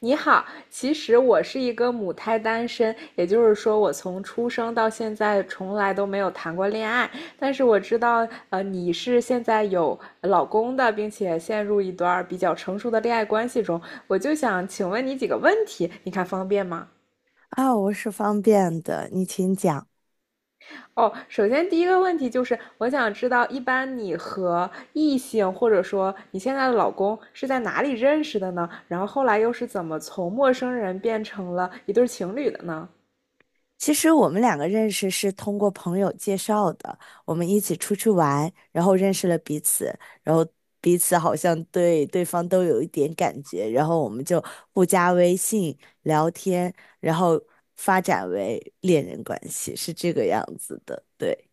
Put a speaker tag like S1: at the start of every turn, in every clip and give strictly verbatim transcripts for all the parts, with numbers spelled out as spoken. S1: 你好，其实我是一个母胎单身，也就是说，我从出生到现在从来都没有谈过恋爱。但是我知道，呃，你是现在有老公的，并且陷入一段比较成熟的恋爱关系中。我就想请问你几个问题，你看方便吗？
S2: 啊，我是方便的，你请讲。
S1: 哦，首先第一个问题就是，我想知道，一般你和异性或者说你现在的老公是在哪里认识的呢？然后后来又是怎么从陌生人变成了一对情侣的呢？
S2: 其实我们两个认识是通过朋友介绍的，我们一起出去玩，然后认识了彼此，然后彼此好像对对方都有一点感觉，然后我们就互加微信聊天，然后发展为恋人关系，是这个样子的，对。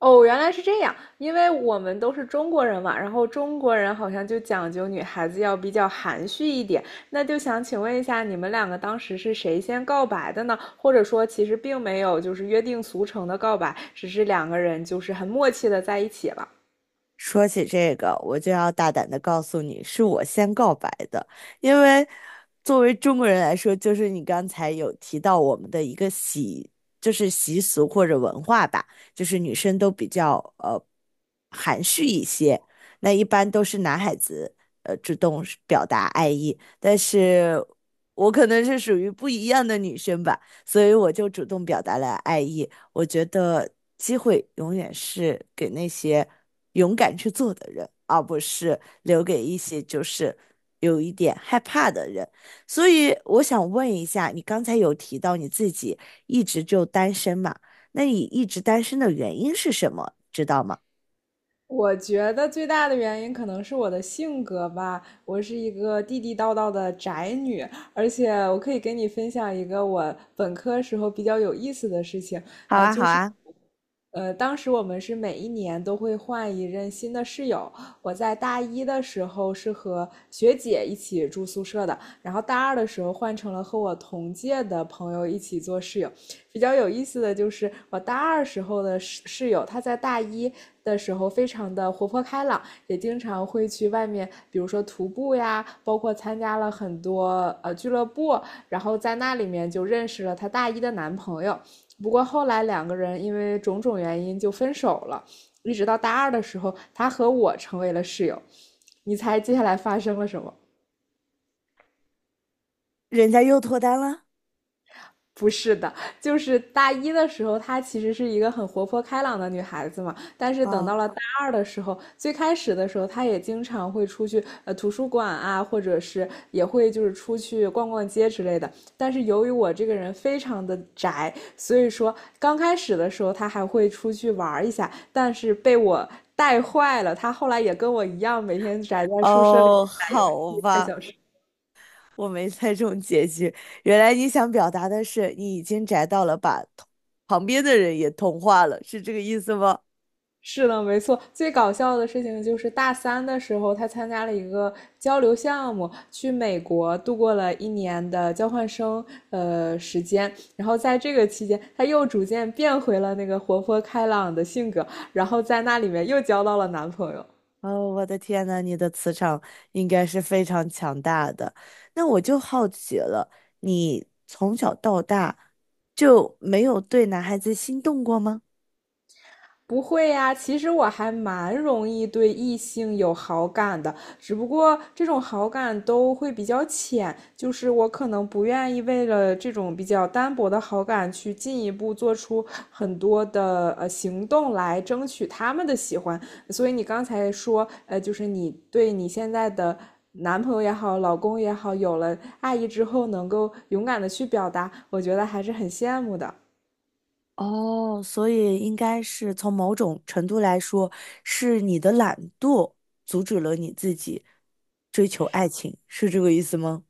S1: 哦，原来是这样，因为我们都是中国人嘛，然后中国人好像就讲究女孩子要比较含蓄一点，那就想请问一下，你们两个当时是谁先告白的呢？或者说，其实并没有就是约定俗成的告白，只是两个人就是很默契的在一起了。
S2: 说起这个，我就要大胆的告诉你，是我先告白的，因为作为中国人来说，就是你刚才有提到我们的一个习，就是习俗或者文化吧，就是女生都比较呃含蓄一些，那一般都是男孩子呃主动是表达爱意，但是我可能是属于不一样的女生吧，所以我就主动表达了爱意，我觉得机会永远是给那些勇敢去做的人，而不是留给一些就是有一点害怕的人。所以我想问一下，你刚才有提到你自己一直就单身嘛？那你一直单身的原因是什么？知道吗？
S1: 我觉得最大的原因可能是我的性格吧，我是一个地地道道的宅女，而且我可以跟你分享一个我本科时候比较有意思的事情。
S2: 好啊，好啊，
S1: 呃，当时我们是每一年都会换一任新的室友。我在大一的时候是和学姐一起住宿舍的，然后大二的时候换成了和我同届的朋友一起做室友。比较有意思的就是，我大二时候的室室友，他在大一的时候非常的活泼开朗，也经常会去外面，比如说徒步呀，包括参加了很多呃俱乐部，然后在那里面就认识了她大一的男朋友。不过后来两个人因为种种原因就分手了，一直到大二的时候，他和我成为了室友。你猜接下来发生了什么？
S2: 人家又脱单了？
S1: 不是的，就是大一的时候，她其实是一个很活泼开朗的女孩子嘛。但是等
S2: 啊，
S1: 到了大二的时候，最开始的时候，她也经常会出去呃图书馆啊，或者是也会就是出去逛逛街之类的。但是由于我这个人非常的宅，所以说刚开始的时候她还会出去玩一下，但是被我带坏了。她后来也跟我一样，每天宅在宿舍里面
S2: 哦，好
S1: 看
S2: 吧，
S1: 小说。
S2: 我没猜中结局。原来你想表达的是你已经宅到了，把同旁边的人也同化了，是这个意思吗？
S1: 是的，没错。最搞笑的事情就是大三的时候，他参加了一个交流项目，去美国度过了一年的交换生呃时间。然后在这个期间，他又逐渐变回了那个活泼开朗的性格，然后在那里面又交到了男朋友。
S2: 哦，我的天呐，你的磁场应该是非常强大的。那我就好奇了，你从小到大就没有对男孩子心动过吗？
S1: 不会呀，其实我还蛮容易对异性有好感的，只不过这种好感都会比较浅，就是我可能不愿意为了这种比较单薄的好感去进一步做出很多的呃行动来争取他们的喜欢。所以你刚才说，呃，就是你对你现在的男朋友也好，老公也好，有了爱意之后能够勇敢的去表达，我觉得还是很羡慕的。
S2: 哦，所以应该是从某种程度来说，是你的懒惰阻止了你自己追求爱情，是这个意思吗？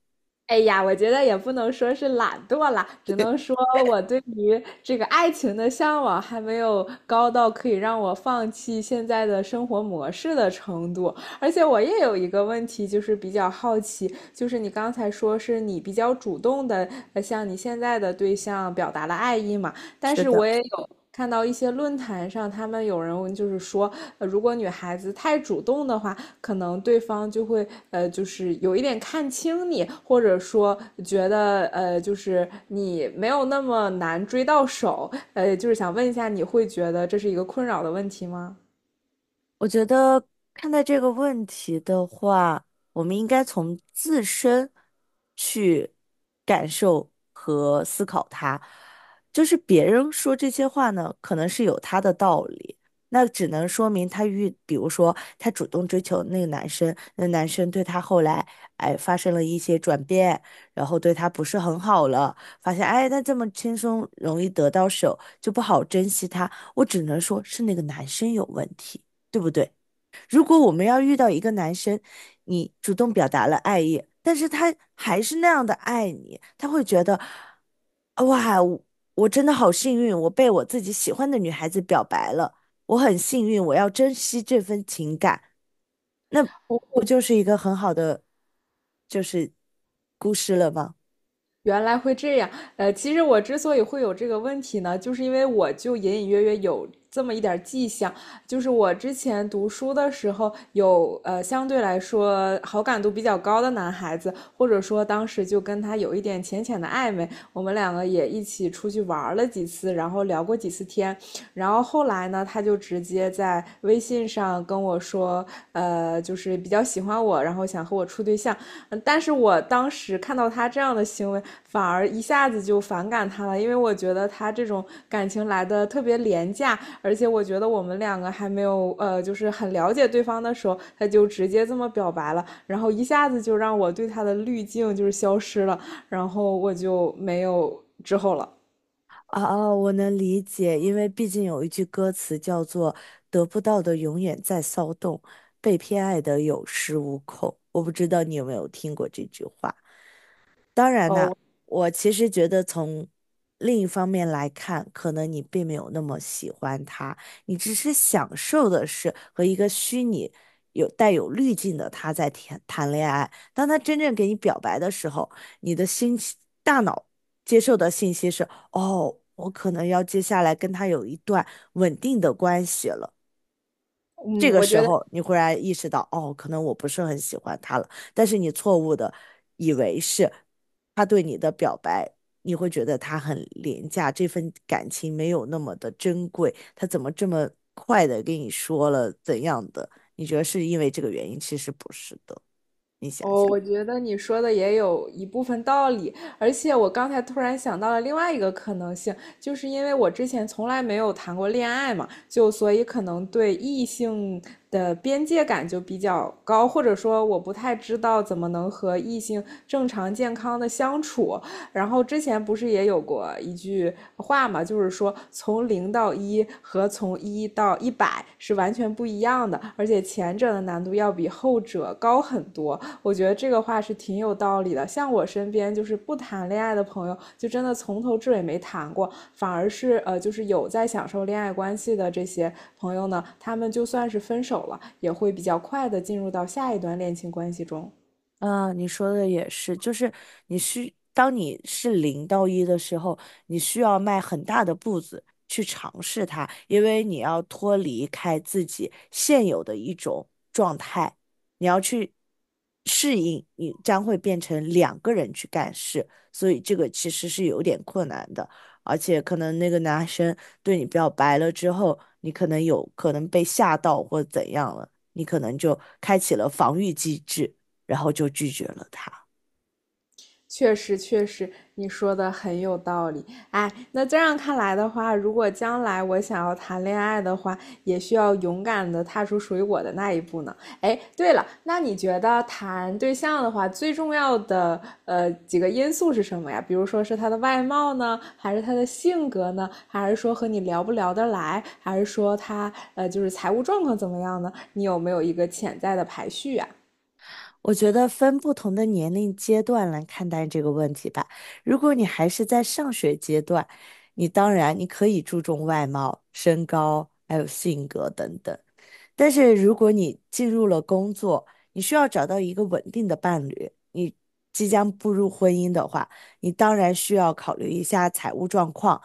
S1: 哎呀，我觉得也不能说是懒惰啦，只能 说我对于这个爱情的向往还没有高到可以让我放弃现在的生活模式的程度。而且我也有一个问题，就是比较好奇，就是你刚才说是你比较主动的向你现在的对象表达了爱意嘛？但
S2: 是
S1: 是
S2: 的。
S1: 我也有看到一些论坛上，他们有人就是说，呃如果女孩子太主动的话，可能对方就会呃，就是有一点看轻你，或者说觉得呃，就是你没有那么难追到手，呃，就是想问一下，你会觉得这是一个困扰的问题吗？
S2: 我觉得看待这个问题的话，我们应该从自身去感受和思考它。就是别人说这些话呢，可能是有他的道理，那只能说明他遇，比如说他主动追求那个男生，那男生对他后来哎发生了一些转变，然后对他不是很好了，发现哎他这么轻松容易得到手，就不好珍惜他。我只能说是那个男生有问题。对不对？如果我们要遇到一个男生，你主动表达了爱意，但是他还是那样的爱你，他会觉得，哇，我我真的好幸运，我被我自己喜欢的女孩子表白了，我很幸运，我要珍惜这份情感，那不
S1: 不。
S2: 就是一个很好的就是故事了吗？
S1: 原来会这样，呃，其实我之所以会有这个问题呢，就是因为我就隐隐约约有这么一点迹象，就是我之前读书的时候有呃相对来说好感度比较高的男孩子，或者说当时就跟他有一点浅浅的暧昧，我们两个也一起出去玩了几次，然后聊过几次天，然后后来呢，他就直接在微信上跟我说，呃，就是比较喜欢我，然后想和我处对象。嗯，但是我当时看到他这样的行为，反而一下子就反感他了，因为我觉得他这种感情来的特别廉价，而且我觉得我们两个还没有呃，就是很了解对方的时候，他就直接这么表白了，然后一下子就让我对他的滤镜就是消失了，然后我就没有之后了。
S2: 啊啊，我能理解，因为毕竟有一句歌词叫做"得不到的永远在骚动，被偏爱的有恃无恐"。我不知道你有没有听过这句话。当然呢，
S1: 哦，
S2: 我其实觉得从另一方面来看，可能你并没有那么喜欢他，你只是享受的是和一个虚拟有带有滤镜的他在谈谈恋爱。当他真正给你表白的时候，你的心情大脑接受的信息是：哦，我可能要接下来跟他有一段稳定的关系了。这
S1: 嗯，
S2: 个
S1: 我
S2: 时
S1: 觉得
S2: 候你忽然意识到，哦，可能我不是很喜欢他了，但是你错误的以为是他对你的表白，你会觉得他很廉价，这份感情没有那么的珍贵，他怎么这么快的跟你说了怎样的？你觉得是因为这个原因？其实不是的，你想
S1: 哦，
S2: 想。
S1: 我觉得你说的也有一部分道理，而且我刚才突然想到了另外一个可能性，就是因为我之前从来没有谈过恋爱嘛，就所以可能对异性的边界感就比较高，或者说我不太知道怎么能和异性正常健康的相处，然后之前不是也有过一句话嘛，就是说从零到一和从一到一百是完全不一样的，而且前者的难度要比后者高很多。我觉得这个话是挺有道理的。像我身边就是不谈恋爱的朋友，就真的从头至尾没谈过，反而是呃，就是有在享受恋爱关系的这些朋友呢，他们就算是分手了，也会比较快的进入到下一段恋情关系中。
S2: 啊，你说的也是，就是你需，当你是零到一的时候，你需要迈很大的步子去尝试它，因为你要脱离开自己现有的一种状态，你要去适应，你将会变成两个人去干事，所以这个其实是有点困难的，而且可能那个男生对你表白了之后，你可能有可能被吓到或怎样了，你可能就开启了防御机制。然后就拒绝了他。
S1: 确实，确实，你说的很有道理。哎，那这样看来的话，如果将来我想要谈恋爱的话，也需要勇敢的踏出属于我的那一步呢。哎，对了，那你觉得谈对象的话，最重要的呃几个因素是什么呀？比如说是他的外貌呢，还是他的性格呢，还是说和你聊不聊得来，还是说他呃就是财务状况怎么样呢？你有没有一个潜在的排序啊？
S2: 我觉得分不同的年龄阶段来看待这个问题吧。如果你还是在上学阶段，你当然你可以注重外貌、身高，还有性格等等。但是如果你进入了工作，你需要找到一个稳定的伴侣，你即将步入婚姻的话，你当然需要考虑一下财务状况。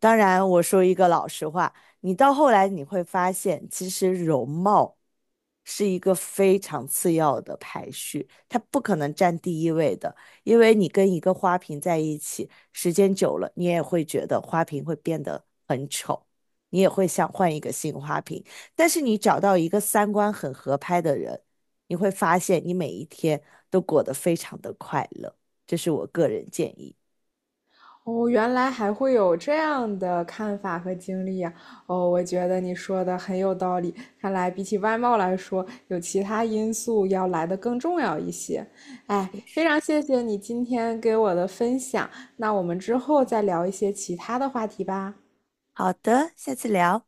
S2: 当然，我说一个老实话，你到后来你会发现，其实容貌是一个非常次要的排序，它不可能占第一位的，因为你跟一个花瓶在一起，时间久了，你也会觉得花瓶会变得很丑，你也会想换一个新花瓶。但是你找到一个三观很合拍的人，你会发现你每一天都过得非常的快乐。这是我个人建议。
S1: 哦，原来还会有这样的看法和经历呀！哦，我觉得你说的很有道理。看来比起外貌来说，有其他因素要来的更重要一些。哎，非常谢谢你今天给我的分享。那我们之后再聊一些其他的话题吧。
S2: 好的，下次聊。